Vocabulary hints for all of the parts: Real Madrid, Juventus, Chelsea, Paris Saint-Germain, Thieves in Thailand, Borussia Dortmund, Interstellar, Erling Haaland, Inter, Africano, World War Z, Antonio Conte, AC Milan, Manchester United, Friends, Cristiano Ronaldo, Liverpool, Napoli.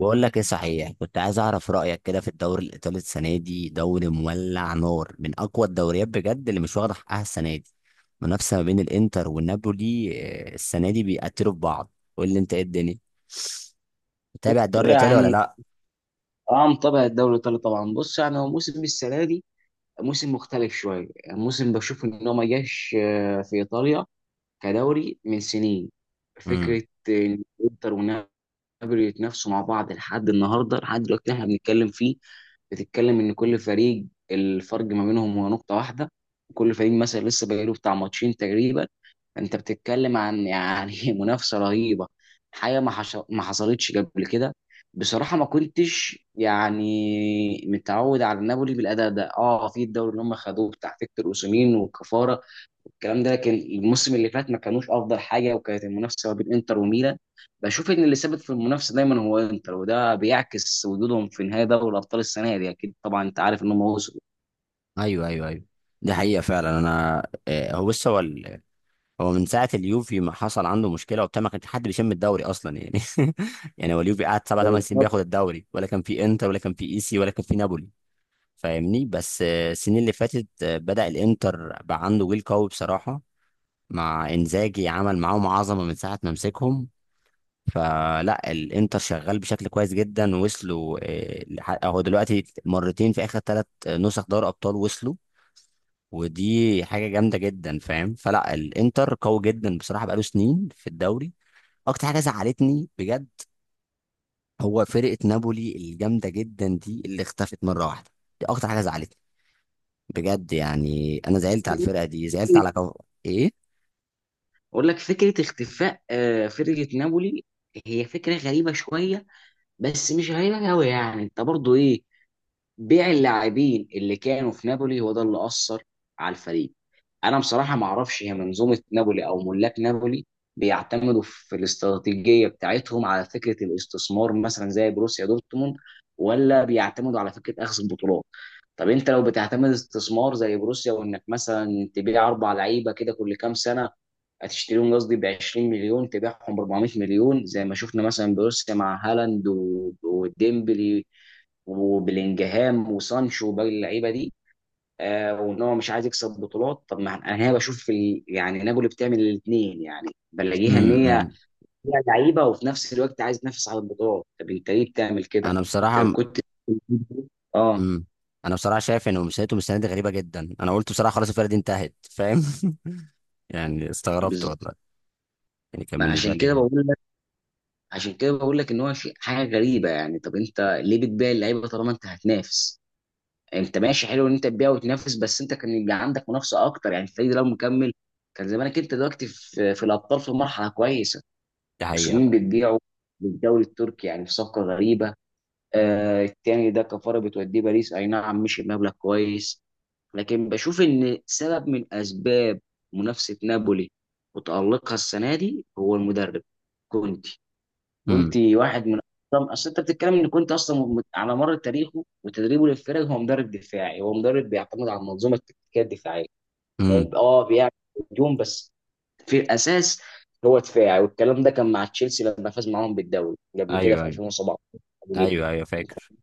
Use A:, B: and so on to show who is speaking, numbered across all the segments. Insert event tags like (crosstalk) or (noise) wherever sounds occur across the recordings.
A: بقول لك ايه، صحيح كنت عايز اعرف رايك كده في الدوري الايطالي السنه دي. دوري مولع نار، من اقوى الدوريات بجد، اللي مش واخده حقها السنه دي. منافسه ما بين الانتر والنابولي. السنه دي بيقتلوا في بعض. قول لي انت ايه الدنيا، متابع الدوري الايطالي ولا
B: يعني
A: لا؟
B: اه متابع الدوري الايطالي طبعا. بص، يعني هو موسم السنه دي موسم مختلف شويه. يعني موسم بشوف ان هو ما جاش في ايطاليا كدوري من سنين.
A: امم.
B: فكره ان انتر ونابولي يتنافسوا مع بعض لحد النهارده، لحد دلوقتي احنا بنتكلم فيه. بتتكلم ان كل فريق، الفرق ما بينهم هو نقطه واحده. كل فريق مثلا لسه بقاله بتاع ماتشين تقريبا. انت بتتكلم عن يعني (laughs) منافسه رهيبه، حاجه ما حصلتش قبل كده. بصراحه ما كنتش يعني متعود على نابولي بالاداء ده. اه في الدوري اللي هم خدوه بتاع فيكتور اوسيمين وكفاره الكلام ده، لكن الموسم اللي فات ما كانوش افضل حاجه، وكانت المنافسه ما بين انتر وميلان. بشوف ان اللي ثابت في المنافسه دايما هو انتر، وده بيعكس وجودهم في نهائي دوري الابطال السنه دي. اكيد طبعا انت عارف ان هم وصلوا
A: ايوه، ايوه، ايوه. دي حقيقه فعلا. انا، هو بص، هو هو من ساعه اليوفي ما حصل عنده مشكله وبتاع، ما كانش حد بيشم الدوري اصلا يعني. (laughs) يعني هو اليوفي قعد سبع ثمان سنين
B: دوري
A: بياخد الدوري، ولا كان في انتر ولا كان في ايسي ولا كان في نابولي. فاهمني؟ بس السنين اللي فاتت، بدأ الانتر بقى عنده جيل قوي بصراحة. مع انزاجي عمل معاهم عظمة من ساعة ما مسكهم. فلا، الانتر شغال بشكل كويس جدا. وصلوا هو دلوقتي مرتين في اخر ثلاث نسخ دوري ابطال وصلوا. ودي حاجة جامدة جدا فاهم. فلا الانتر قوي جدا بصراحة، بقاله سنين في الدوري. اكتر حاجة زعلتني بجد، هو فرقة نابولي الجامدة جدا دي اللي اختفت مرة واحدة. دي اكتر حاجة زعلتني بجد يعني. انا زعلت على
B: الأبطال.
A: الفرقه دي، زعلت على ايه.
B: اقول لك، فكره اختفاء فرقه نابولي هي فكره غريبه شويه. بس مش غريبه قوي، يعني انت برضو ايه، بيع اللاعبين اللي كانوا في نابولي هو ده اللي أثر على الفريق. انا بصراحه ما اعرفش هي منظومه نابولي او ملاك نابولي بيعتمدوا في الاستراتيجيه بتاعتهم على فكره الاستثمار، مثلا زي بروسيا دورتموند، ولا بيعتمدوا على فكره اخذ البطولات. طب انت لو بتعتمد استثمار زي بروسيا، وانك مثلا تبيع 4 لعيبه كده كل كام سنه، هتشتريهم قصدي ب 20 مليون تبيعهم ب 400 مليون، زي ما شفنا مثلا بروسيا مع هالاند وديمبلي وبلينجهام وسانشو وباقي اللعيبه دي. آه، وان هو مش عايز يكسب بطولات. طب ما انا هنا بشوف يعني نابولي بتعمل الاثنين. يعني بلاقيها ان هي
A: امم.
B: فيها لعيبه وفي نفس الوقت عايز تنافس على البطولات، طب انت ليه بتعمل كده؟
A: انا
B: انت لو
A: بصراحه.
B: كنت (laughs) اه،
A: امم. انا بصراحه شايف ان مسيرتهم السنه دي غريبه جدا. انا قلت بصراحه خلاص الفرقه دي انتهت، فاهم؟ (laughs) يعني استغربت
B: بالظبط.
A: والله. يعني كان
B: ما
A: بالنسبه
B: عشان كده
A: لي
B: بقول لك، عشان كده بقول لك ان هو شيء، حاجه غريبه. يعني طب انت ليه بتبيع اللعيبه طالما انت هتنافس؟ انت ماشي حلو ان انت تبيع وتنافس، بس انت كان يبقى عندك منافسه اكتر. يعني الفريق ده لو مكمل كان زمانك انت دلوقتي في الابطال في مرحله كويسه.
A: دي حقيقه
B: وسنين
A: بقى.
B: بتبيعه للدوري التركي يعني في صفقه غريبه. آه، التاني ده كفاره بتوديه باريس، اي نعم مش بمبلغ كويس. لكن بشوف ان سبب من اسباب منافسه نابولي وتالقها السنه دي هو المدرب كونتي.
A: امم.
B: كنت واحد من، اصلا اصل انت بتتكلم، ان كنت اصلا على مر تاريخه وتدريبه للفرق هو مدرب دفاعي. هو مدرب بيعتمد على المنظومه التكتيكيه الدفاعيه.
A: امم.
B: يعني اه بيعمل هجوم بس في الاساس هو دفاعي. والكلام ده كان مع تشيلسي لما فاز معاهم بالدوري قبل كده
A: ايوه،
B: في
A: ايوه.
B: 2017.
A: ايوه، ايوه، فاكر.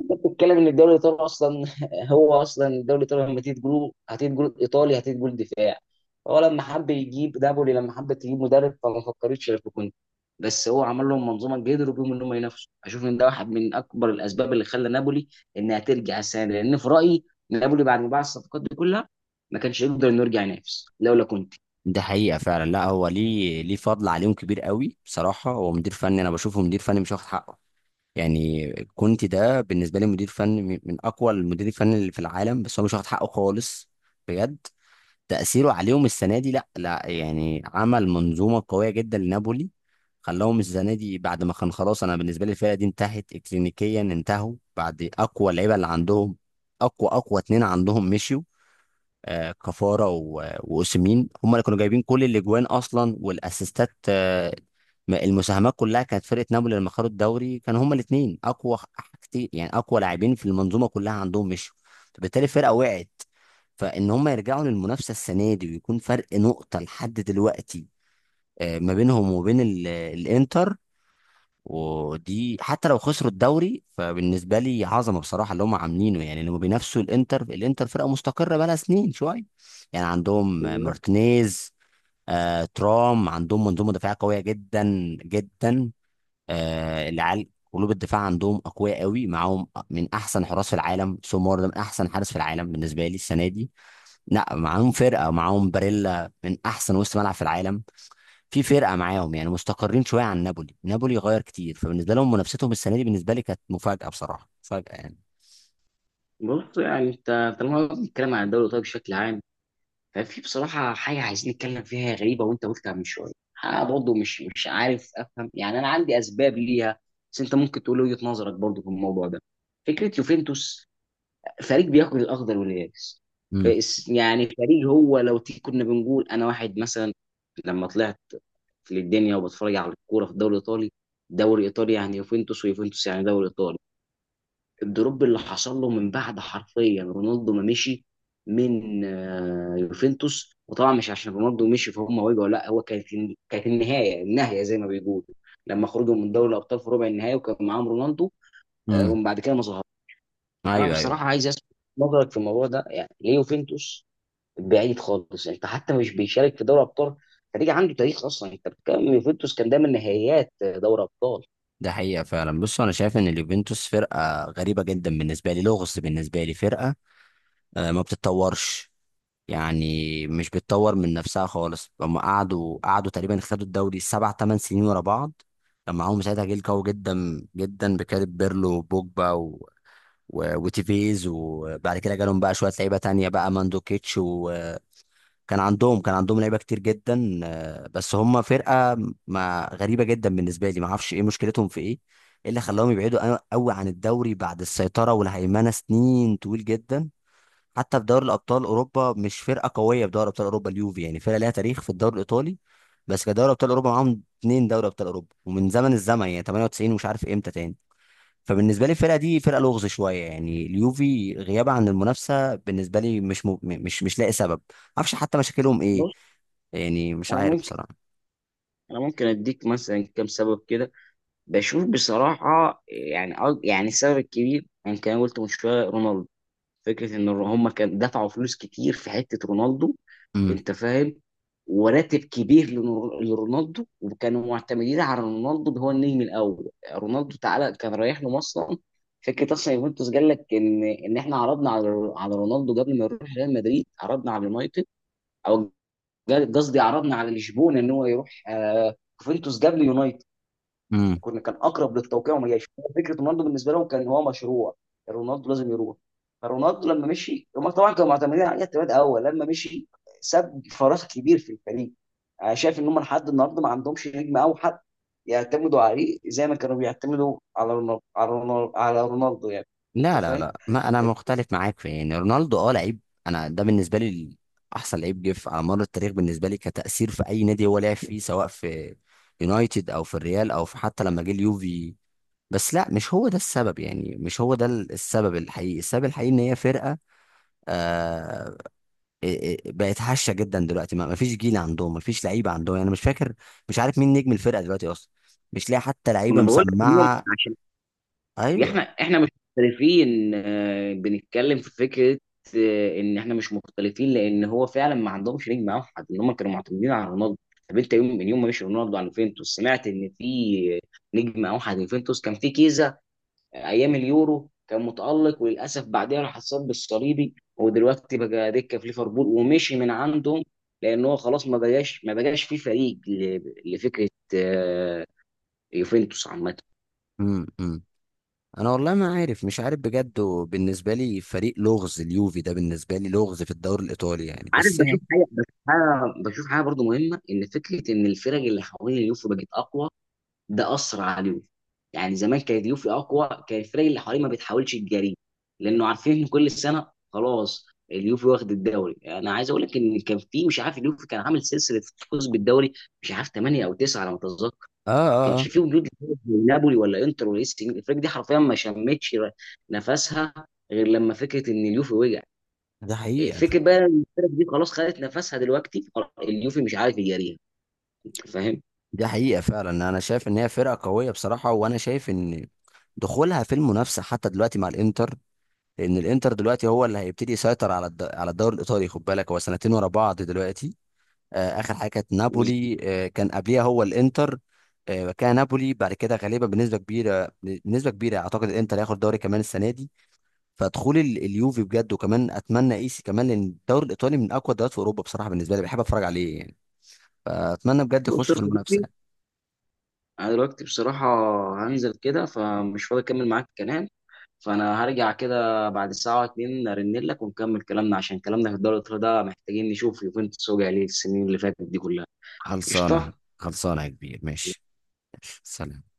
B: بتتكلم ان الدوري الايطالي اصلا (laughs) هو اصلا الدوري الايطالي لما تيجي تقول، هتيجي تقول ايطالي، هتيجي تقول دفاع. هو لما حب يجيب نابولي، لما حب تجيب مدرب، فما فكرتش في كونتي. بس هو عمل لهم منظومه قدروا بيهم ان هم ينافسوا. اشوف ان ده واحد من اكبر الاسباب اللي خلى نابولي انها ترجع السنه دي، لان في رايي نابولي بعد ما باع الصفقات دي كلها ما كانش يقدر انه يرجع ينافس لولا كونتي.
A: دي حقيقه فعلا. لا هو ليه، ليه فضل عليهم كبير قوي بصراحه. هو مدير فني، انا بشوفه مدير فني مش واخد حقه. يعني كنت، ده بالنسبه لي مدير فني من اقوى المدير الفني اللي في العالم، بس هو مش واخد حقه خالص بجد. تأثيره عليهم السنة دي، لا لا يعني، عمل منظومة قوية جدا لنابولي. خلاهم السنة دي بعد ما كان خلاص. أنا بالنسبة لي الفرقة دي انتهت إكلينيكيا. انتهوا بعد أقوى لعيبة اللي عندهم. أقوى اتنين عندهم مشيوا. كفارة وأوسيمين هم اللي كانوا جايبين كل الأجوان أصلا والأسيستات. المساهمات كلها. كانت فرقة نابولي لما خدوا الدوري، كانوا هما الاتنين أقوى كتير يعني. أقوى لاعبين في المنظومة كلها عندهم مشوا، فبالتالي الفرقة وقعت. فإن هما يرجعوا للمنافسة السنة دي ويكون فرق نقطة لحد دلوقتي ما بينهم وبين الإنتر، ودي حتى لو خسروا الدوري فبالنسبه لي عظمه بصراحه اللي هم عاملينه. يعني لما بينافسوا الانتر، الانتر فرقه مستقره بقالها سنين شويه. يعني عندهم
B: بالظبط.
A: مارتينيز، ترام، عندهم منظومه دفاعيه قويه جدا جدا. العيال قلوب الدفاع عندهم اقوياء قوي، معاهم من احسن حراس في العالم. سومار ده من احسن حارس في العالم بالنسبه لي السنه دي. لا معاهم فرقه، معاهم باريلا من احسن وسط ملعب في العالم. في فرقه معاهم يعني مستقرين شويه عن نابولي. نابولي غير كتير، فبالنسبه لهم منافستهم السنه دي بالنسبه لي كانت مفاجاه بصراحه، مفاجاه يعني.
B: بالظبط، يعني انت طالما الكلام عن الدوري الايطالي بشكل عام، كان في بصراحة حاجة عايزين نتكلم فيها غريبة وأنت قلتها من شوية. أنا برضه مش عارف أفهم. يعني أنا عندي أسباب ليها، بس أنت ممكن تقول وجهة نظرك برضه في الموضوع ده. فكرة يوفنتوس، فريق بياكل الأخضر واليابس.
A: امم.
B: يعني فريق هو لو تيجي، كنا بنقول أنا واحد مثلا لما طلعت في الدنيا وبتفرج على الكورة في الدوري الإيطالي، الدوري الإيطالي يعني يوفنتوس، ويوفنتوس يعني دوري إيطالي. الدروب اللي حصل له من بعد حرفيا رونالدو ما مشي من يوفنتوس. وطبعا مش عشان رونالدو مشي فهم وجعوا، لا هو كانت، كانت النهايه، النهايه زي ما بيقولوا، لما خرجوا من دوري الابطال في ربع النهائي وكان معاهم رونالدو
A: امم.
B: ومن بعد كده ما ظهر. انا
A: ايوه، ايوه.
B: بصراحه عايز اسمع نظرك في الموضوع ده، يعني ليه يوفنتوس بعيد خالص؟ انت حتى مش بيشارك في دوري الابطال. فريق عنده تاريخ، اصلا انت بتتكلم يوفنتوس كان دايما نهائيات دوري ابطال.
A: ده حقيقه فعلا. بص انا شايف ان اليوفنتوس فرقه غريبه جدا بالنسبه لي، لغز بالنسبه لي. فرقه ما بتتطورش يعني، مش بتطور من نفسها خالص. هم قعدوا تقريبا خدوا الدوري سبع ثمان سنين ورا بعض. كان معاهم ساعتها جيل قوي جدا جدا بكاريب، بيرلو، وبوجبا، وتيفيز، وبعد كده جالهم بقى شويه لعيبه تانية بقى ماندوكيتش، وكان عندهم لعيبه كتير جدا بس هم فرقه ما، غريبه جدا بالنسبه لي. ما اعرفش ايه مشكلتهم، في ايه، إيه اللي خلاهم يبعدوا قوي عن الدوري بعد السيطره والهيمنه سنين طويل جدا؟ حتى في دوري الابطال اوروبا مش فرقه قويه. في دوري ابطال اوروبا اليوفي يعني فرقه ليها تاريخ في الدوري الايطالي، بس كدوري ابطال اوروبا معاهم اتنين دوري ابطال اوروبا ومن زمن الزمن يعني 98، ومش عارف امتى تاني. فبالنسبه لي الفرقه دي فرقه لغز شويه يعني. اليوفي غيابها عن المنافسه بالنسبه لي مش لاقي سبب. معرفش حتى مشاكلهم ايه
B: بص،
A: يعني، مش
B: انا
A: عارف
B: ممكن
A: بصراحه.
B: انا ممكن اديك مثلا كام سبب كده. بشوف بصراحة يعني يعني السبب الكبير، يعني كان قلت من شوية رونالدو. فكرة إن هم كان دفعوا فلوس كتير في حتة رونالدو.
A: امم.
B: أنت فاهم، وراتب كبير لرونالدو، وكانوا معتمدين على رونالدو ده هو النجم الأول. رونالدو تعالى كان رايح لهم أصلا. فكرة أصلا، يوفنتوس قال لك إن، إحنا عرضنا على رونالدو قبل ما يروح ريال مدريد. عرضنا على اليونايتد، أو قصدي عرضنا على لشبونة، إن هو يروح يوفنتوس قبل يونايتد.
A: امم.
B: وكنا، كان اقرب للتوقيع وما جاش. فكره رونالدو بالنسبه لهم كان هو مشروع، رونالدو لازم يروح. فرونالدو لما مشي هم طبعا كانوا معتمدين عليه اعتماد اول. لما مشي ساب فراغ كبير في الفريق. انا شايف ان هم لحد النهارده ما عندهمش نجم اوحد يعتمدوا عليه زي ما كانوا بيعتمدوا على رونالدو يعني. انت
A: لا، لا،
B: فاهم.
A: لا، ما انا مختلف معاك في يعني رونالدو، اه لعيب. انا ده بالنسبه لي احسن لعيب جه على مر التاريخ بالنسبه لي كتاثير في اي نادي هو لعب فيه، سواء في يونايتد او في الريال او في حتى لما جه اليوفي. بس لا، مش هو ده السبب يعني. مش هو ده السبب الحقيقي. السبب الحقيقي ان هي فرقه آه، إيه إيه بقت هشه جدا دلوقتي. ما فيش جيل عندهم، ما فيش لعيبه عندهم يعني. مش فاكر، مش عارف مين نجم الفرقه دلوقتي اصلا، مش لاقي حتى
B: ما
A: لعيبه
B: انا بقول لك إن هم،
A: مسمعه.
B: عشان
A: ايوه.
B: احنا مش مختلفين، بنتكلم في فكره ان احنا مش مختلفين، لان هو فعلا ما عندهمش نجم اوحد، ان هم كانوا معتمدين على رونالدو. طب انت يوم من يوم ما مشي رونالدو على يوفنتوس سمعت ان في نجم اوحد يوفنتوس؟ كان في كيزا، ايام اليورو كان متالق، وللاسف بعدها راح اتصاب بالصليبي، ودلوقتي بقى دكه في ليفربول ومشي من عندهم. لان هو خلاص ما بقاش في فريق لفكره آه، يوفنتوس عامه.
A: امم. أمم. انا والله ما عارف، مش عارف بجد. وبالنسبه لي فريق لغز اليوفي ده، بالنسبه لي لغز في الدوري الايطالي يعني،
B: عارف،
A: بس يعني.
B: بشوف حاجه برضو مهمه، ان فكره ان الفرق اللي حوالين اليوفي بقت اقوى، ده اثر على اليوفي. يعني زمان كانت اليوفي اقوى، كان الفرق اللي حواليه ما بتحاولش تجاريه، لانه عارفين ان كل سنه خلاص اليوفي واخد الدوري. انا عايز اقول لك ان كان في، مش عارف، اليوفي كان عامل سلسله فوز بالدوري، مش عارف 8 او 9 على ما اتذكر.
A: اه،
B: ما
A: اه،
B: كانش
A: اه.
B: فيه وجود لفرق زي نابولي ولا انتر ولا اي سي ميلان. الفرق دي حرفيا ما شمتش نفسها غير لما فكره ان اليوفي وقع.
A: ده حقيقه.
B: فكره بقى إن الفرق دي خلاص خدت نفسها دلوقتي، خلاص اليوفي مش عارف يجاريها. انت فاهم.
A: دي حقيقه فعلا. انا شايف ان هي فرقه قويه بصراحه، وانا شايف ان دخولها في المنافسه حتى دلوقتي مع الانتر، لان الانتر دلوقتي هو اللي هيبتدي يسيطر على على الدوري الايطالي. خد بالك هو سنتين ورا بعض دلوقتي. اخر حاجه كانت نابولي،
B: بالظبط.
A: كان قبليها هو الانتر، كان نابولي بعد كده. غالبا بنسبه كبيره، بنسبه كبيره اعتقد الانتر هياخد دوري كمان السنه دي. فدخول اليوفي بجد، وكمان اتمنى ايسي كمان، لان الدوري الايطالي من اقوى الدوريات في اوروبا بصراحه. بالنسبه لي بحب اتفرج عليه يعني، فاتمنى بجد
B: بص
A: يخش
B: يا
A: في المنافسه
B: صديقي،
A: يعني.
B: انا دلوقتي بصراحه هنزل كده فمش فاضي اكمل معاك الكلام. فانا هرجع كده بعد ساعه او اتنين ارن لك ونكمل كلامنا، عشان كلامنا في الدوري الإيطالي ده محتاجين نشوف يوفنتوس وجع ليه السنين اللي فاتت دي كلها.
A: خلصانة.
B: قشطه.
A: خلصانة يا كبير، ماشي. سلام.